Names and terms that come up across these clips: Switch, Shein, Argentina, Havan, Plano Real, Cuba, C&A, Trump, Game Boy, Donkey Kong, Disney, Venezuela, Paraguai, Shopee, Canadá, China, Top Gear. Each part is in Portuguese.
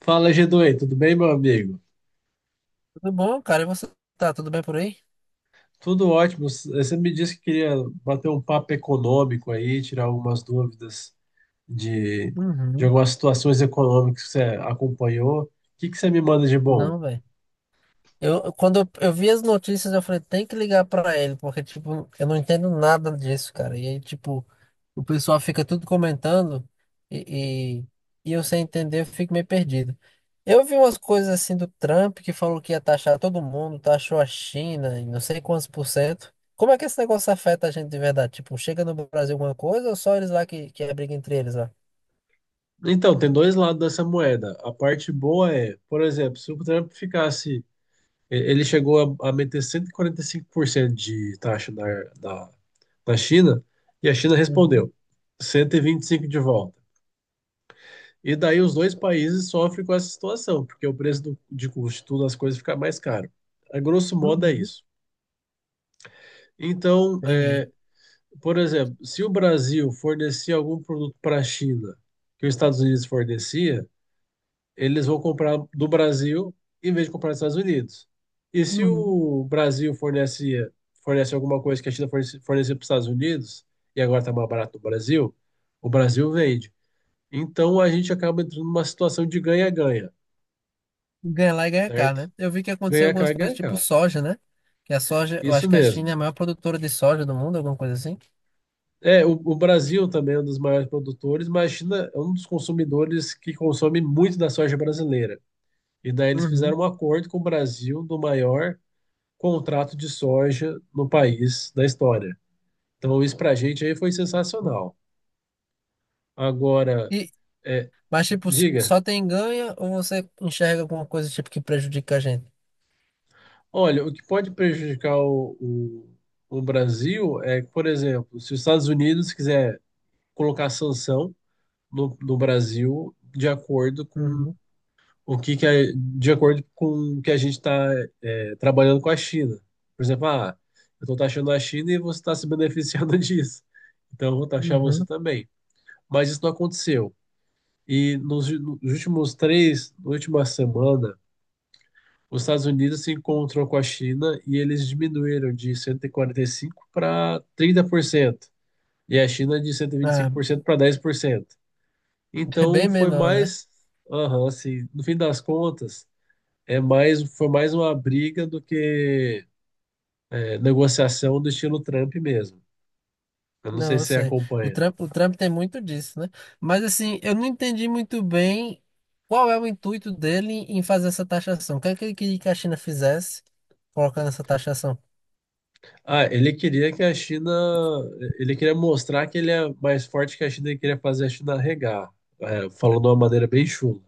Fala, g tudo bem, meu amigo? Tudo bom, cara? E você tá tudo bem por aí? Tudo ótimo. Você me disse que queria bater um papo econômico aí, tirar algumas dúvidas de, de Uhum. algumas situações econômicas que você acompanhou. O que que você me manda de bom? Não, velho. Quando eu vi as notícias, eu falei, tem que ligar pra ele, porque, tipo, eu não entendo nada disso, cara. E aí, tipo, o pessoal fica tudo comentando e, e, e eu sem entender, eu fico meio perdido. Eu vi umas coisas assim do Trump que falou que ia taxar todo mundo, taxou a China em não sei quantos por cento. Como é que esse negócio afeta a gente de verdade? Tipo, chega no Brasil alguma coisa ou só eles lá que é briga entre eles lá? Então, tem dois lados dessa moeda. A parte boa é, por exemplo, se o Trump ficasse, e- ele chegou a meter 145% de taxa na, na China, e a China Uhum, respondeu 125 de volta. E daí os dois países sofrem com essa situação, porque o preço de custo de tudo as coisas fica mais caro. A grosso modo é uhum, isso. Então, entendi. Por exemplo, se o Brasil fornecer algum produto para a China que os Estados Unidos fornecia, eles vão comprar do Brasil em vez de comprar dos Estados Unidos. E se Uhum. o Brasil fornece alguma coisa que a China fornece fornecia para os Estados Unidos, e agora está mais barato do Brasil, o Brasil vende. Então a gente acaba entrando numa situação de ganha-ganha, Ganha lá e ganha cá, certo? né? Eu vi que aconteceu Ganha algumas cá, coisas ganha tipo cá. soja, né? Que a soja, eu Isso acho que a China é mesmo. a maior produtora de soja do mundo, alguma coisa assim. É, o Brasil também é um dos maiores produtores, mas a China é um dos consumidores que consome muito da soja brasileira. E daí eles Uhum. fizeram um acordo com o Brasil do maior contrato de soja no país da história. Então isso pra gente aí foi sensacional. Agora, E, é, mas tipo, diga, só tem ganho ou você enxerga alguma coisa tipo que prejudica a gente? olha, o que pode prejudicar o Brasil é, por exemplo, se os Estados Unidos quiser colocar sanção no Brasil de acordo com Uhum, o que que é de acordo com o que a gente está trabalhando com a China. Por exemplo, ah, eu estou taxando a China e você está se beneficiando disso. Então eu vou taxar você uhum. também. Mas isso não aconteceu. E nos na última semana, os Estados Unidos se encontrou com a China e eles diminuíram de 145 para 30%. E a China de Ah, 125% para 10%. é Então bem menor, né? Aham, assim, no fim das contas, foi mais uma briga do que negociação do estilo Trump mesmo. Eu não sei Não, eu se você sei. O acompanha. Trump, o Trump tem muito disso, né? Mas assim, eu não entendi muito bem qual é o intuito dele em fazer essa taxação. O que é que ele queria que a China fizesse colocando essa taxação? Ah, ele queria ele queria mostrar que ele é mais forte que a China e queria fazer a China regar, falando de uma maneira bem chula.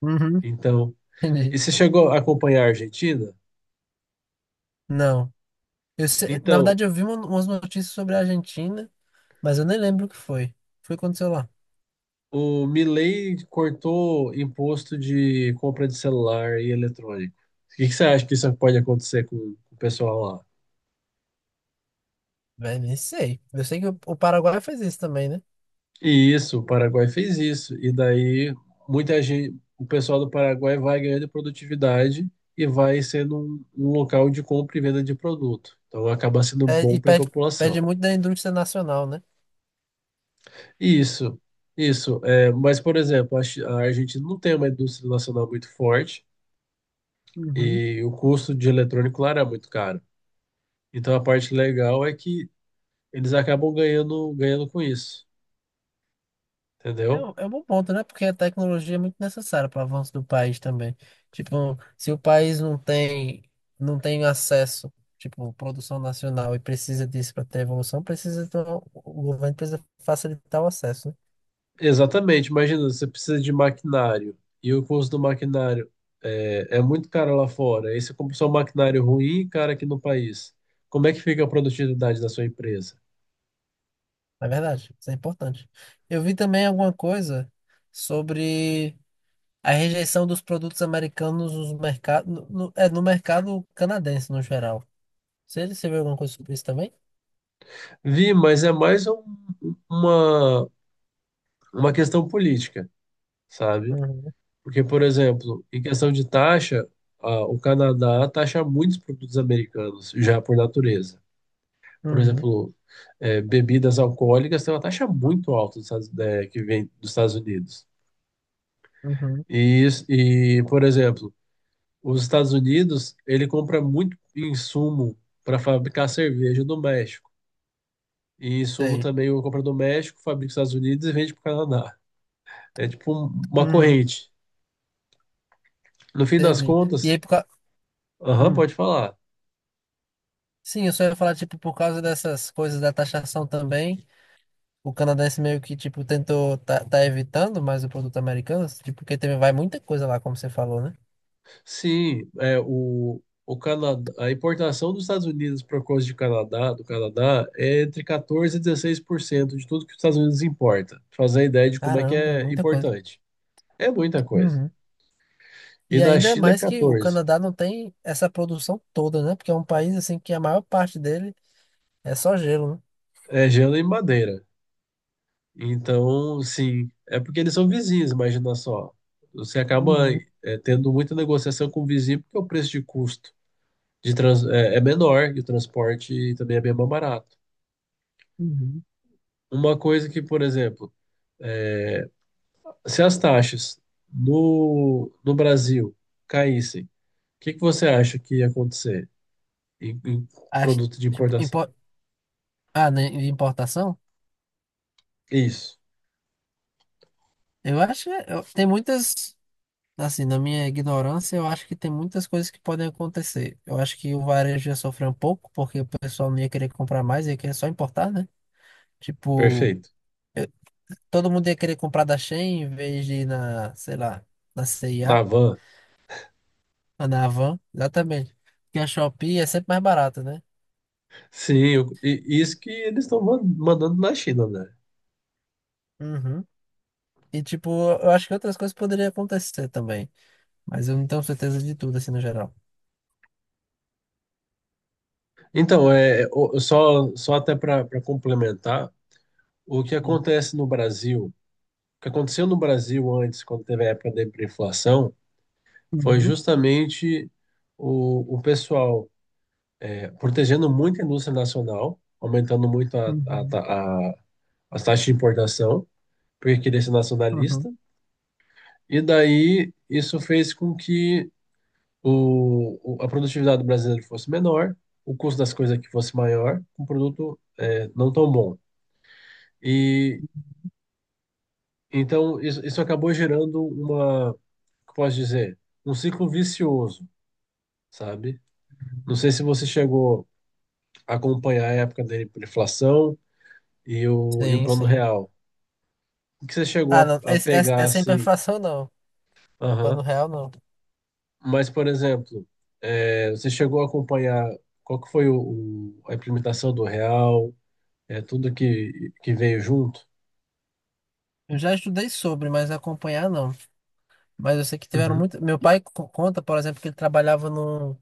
Uhum, Então, e entendi. você chegou a acompanhar a Argentina? Não. Eu se- Na Então, verdade, umas notícias sobre a Argentina, mas eu nem lembro o que foi. Foi o que aconteceu lá. o Milei cortou imposto de compra de celular e eletrônico. O que que você acha que isso pode acontecer com o pessoal lá? Véi, nem sei. Eu sei que o Paraguai faz isso também, né? E isso, o Paraguai fez isso. E daí muita gente, o pessoal do Paraguai vai ganhando produtividade e vai sendo um local de compra e venda de produto. Então acaba sendo É, bom e para a pede, pede população. muito da indústria nacional, né? Isso, isso. É, mas, por exemplo, a Argentina não tem uma indústria nacional muito forte Uhum. e o custo de eletrônico lá era muito caro. Então a parte legal é que eles acabam ganhando, ganhando com isso, entendeu? É um bom ponto, né? Porque a tecnologia é muito necessária para o avanço do país também. Tipo, se o país não tem, não tem acesso, tipo, produção nacional e precisa disso para ter evolução, precisa, então, o governo precisa facilitar o acesso, né? Exatamente, imagina, você precisa de maquinário e o custo do maquinário é muito caro lá fora. Aí você compra só um maquinário ruim e caro aqui no país. Como é que fica a produtividade da sua empresa? É verdade, isso é importante. Eu vi também alguma coisa sobre a rejeição dos produtos americanos nos mercados, é, no mercado canadense no geral. Você viu alguma coisa sobre isso também? Vi, mas é mais uma, uma questão política, sabe? Uhum, Porque, por exemplo, em questão de taxa, ah, o Canadá taxa muitos produtos americanos, já por natureza. Por uhum, exemplo, bebidas alcoólicas tem uma taxa muito alta dos que vem dos Estados Unidos. uhum, Por exemplo, os Estados Unidos, ele compra muito insumo para fabricar cerveja do México. E insumo sei. também o compra do México, fabrica nos Estados Unidos e vende para o Canadá. É tipo uma Uhum, corrente. No fim das entendi. E contas, aí, por causa. aham, pode falar. Sim, eu só ia falar, tipo, por causa dessas coisas da taxação também. O canadense meio que, tipo, tentou, tá evitando mais o produto americano, tipo, porque teve, vai muita coisa lá, como você falou, né? Sim, é, o Canadá, a importação dos Estados Unidos para coisa de Canadá, do Canadá é entre 14 e 16% de tudo que os Estados Unidos importa. Pra fazer a ideia de como é que Caramba, é é muita coisa. importante. É muita coisa. Uhum. E E da ainda China é mais que o 14. Canadá não tem essa produção toda, né? Porque é um país, assim, que a maior parte dele é só gelo, né? É gelo e madeira. Então, sim, é porque eles são vizinhos, imagina só. Você acaba Uhum, tendo muita negociação com o vizinho porque o preço de custo é menor e o transporte também é bem mais barato. uhum. Uma coisa que, por exemplo, se as taxas no do Brasil caíssem, o que que você acha que ia acontecer em, em Acho, produto de tipo, importação? impo- ah, né, de importação? Isso, Eu acho que é- eu- tem muitas. Assim, na minha ignorância, eu acho que tem muitas coisas que podem acontecer. Eu acho que o varejo ia sofrer um pouco, porque o pessoal não ia querer comprar mais, ia querer só importar, né? Tipo, perfeito. todo mundo ia querer comprar da Shein em vez de ir na, sei lá, na C&A, Na van. ou na Havan, exatamente. Porque a Shopee é sempre mais barata, né? Sim, eu- e- E, isso que eles estão mandando na China, né? uhum. E, tipo, eu acho que outras coisas poderiam acontecer também, mas eu não tenho certeza de tudo, assim, no geral. Então, só até para complementar, o que Uhum, acontece no Brasil, o que aconteceu no Brasil antes, quando teve a época da hiperinflação, foi justamente o pessoal é, protegendo muito a indústria nacional, aumentando muito uhum, a- as taxas de importação, porque queria ser uhum. nacionalista. E daí isso fez com que a produtividade do brasileiro fosse menor, o custo das coisas aqui fosse maior, um produto não tão bom. E então isso acabou gerando uma, como posso dizer, um ciclo vicioso, sabe? Não sei se você chegou a acompanhar a época da inflação e e o Sim, plano sim. real. Que você Ah, chegou não, a esse- essa pegar essa é a assim. imperfeição, não. Plano Aham. real, não. Mas, por exemplo, você chegou a acompanhar qual que foi a implementação do real, tudo que veio junto? Eu já estudei sobre, mas acompanhar, não. Mas eu sei que tiveram Uhum. muito. Meu pai conta, por exemplo, que ele trabalhava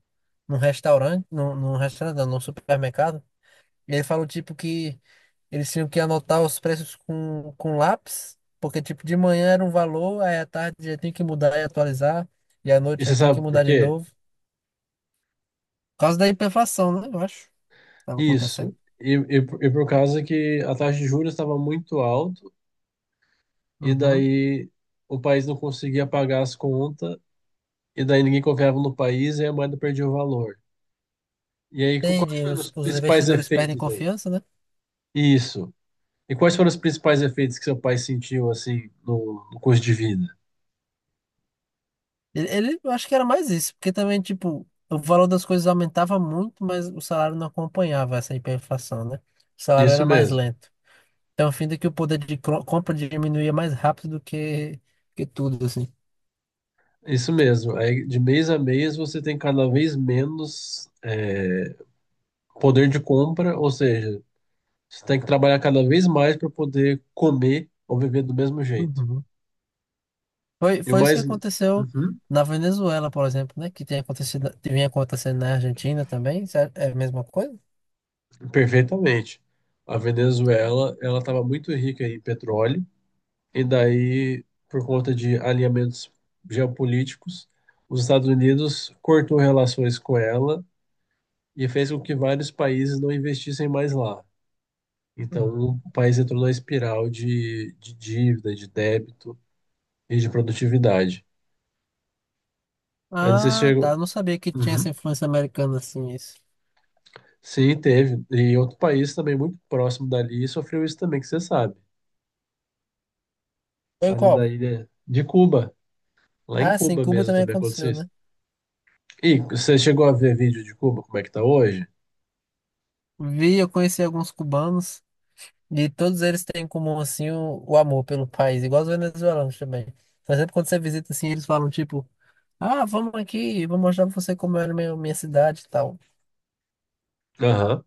num restaurante, num restaurante, não, num supermercado. E ele falou, tipo, que eles tinham que anotar os preços com lápis, porque, tipo, de manhã era um valor, aí à tarde já tinha que mudar e atualizar, e à E noite você já tinha que sabe por mudar de quê? novo. Por causa da hiperinflação, né? Eu acho que estava acontecendo. Isso. E por causa que a taxa de juros estava muito alta, e Uhum. daí o país não conseguia pagar as contas, e daí ninguém confiava no país e a moeda perdia o valor. E aí, quais Entendi. foram os Os principais investidores perdem efeitos aí? confiança, né? Isso. E quais foram os principais efeitos que seu pai sentiu assim no curso de vida? Eu acho que era mais isso, porque também, tipo, o valor das coisas aumentava muito, mas o salário não acompanhava essa hiperinflação, né? O salário Isso era mais mesmo, lento. Então, fim de que o poder de compra diminuía mais rápido do que tudo, assim. isso mesmo. Aí, de mês a mês você tem cada vez menos poder de compra, ou seja, você tem que trabalhar cada vez mais para poder comer ou viver do mesmo jeito. Uhum. Foi, E o foi isso que mais. aconteceu Uhum, na Venezuela, por exemplo, né? Que tem acontecido, que vinha acontecendo na Argentina também. Isso é é a mesma coisa? perfeitamente. A Venezuela, ela estava muito rica em petróleo, e daí, por conta de alinhamentos geopolíticos, os Estados Unidos cortou relações com ela e fez com que vários países não investissem mais lá. Uhum. Então, o país entrou numa espiral de dívida, de débito e de produtividade. Eu não sei se Ah, tá. chegou. Eu não sabia que tinha essa Uhum. influência americana, assim, isso. Sim, teve. E outro país também muito próximo dali sofreu isso também, que você sabe. Foi Ali qual? na ilha de Cuba. Lá em Ah, sim, Cuba Cuba mesmo também também aconteceu, aconteceu isso. né? E você chegou a ver vídeo de Cuba, como é que tá hoje? Vi, eu conheci alguns cubanos. E todos eles têm em comum, assim, o amor pelo país, igual os venezuelanos também. Mas sempre quando você visita, assim, eles falam, tipo, ah, vamos aqui, vou mostrar pra você como era minha cidade e tal. Aham.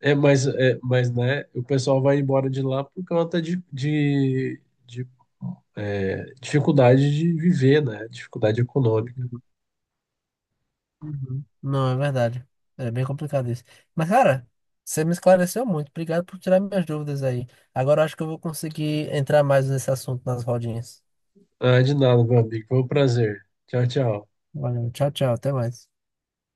É, mas, né, o pessoal vai embora de lá por conta de dificuldade de viver, né? Dificuldade econômica. Uhum. Não, é verdade. É bem complicado isso. Mas, cara, você me esclareceu muito. Obrigado por tirar minhas dúvidas aí. Agora eu acho que eu vou conseguir entrar mais nesse assunto nas rodinhas. Ah, de nada, meu amigo. Foi um prazer. Tchau, tchau. Valeu, tchau, tchau, até mais.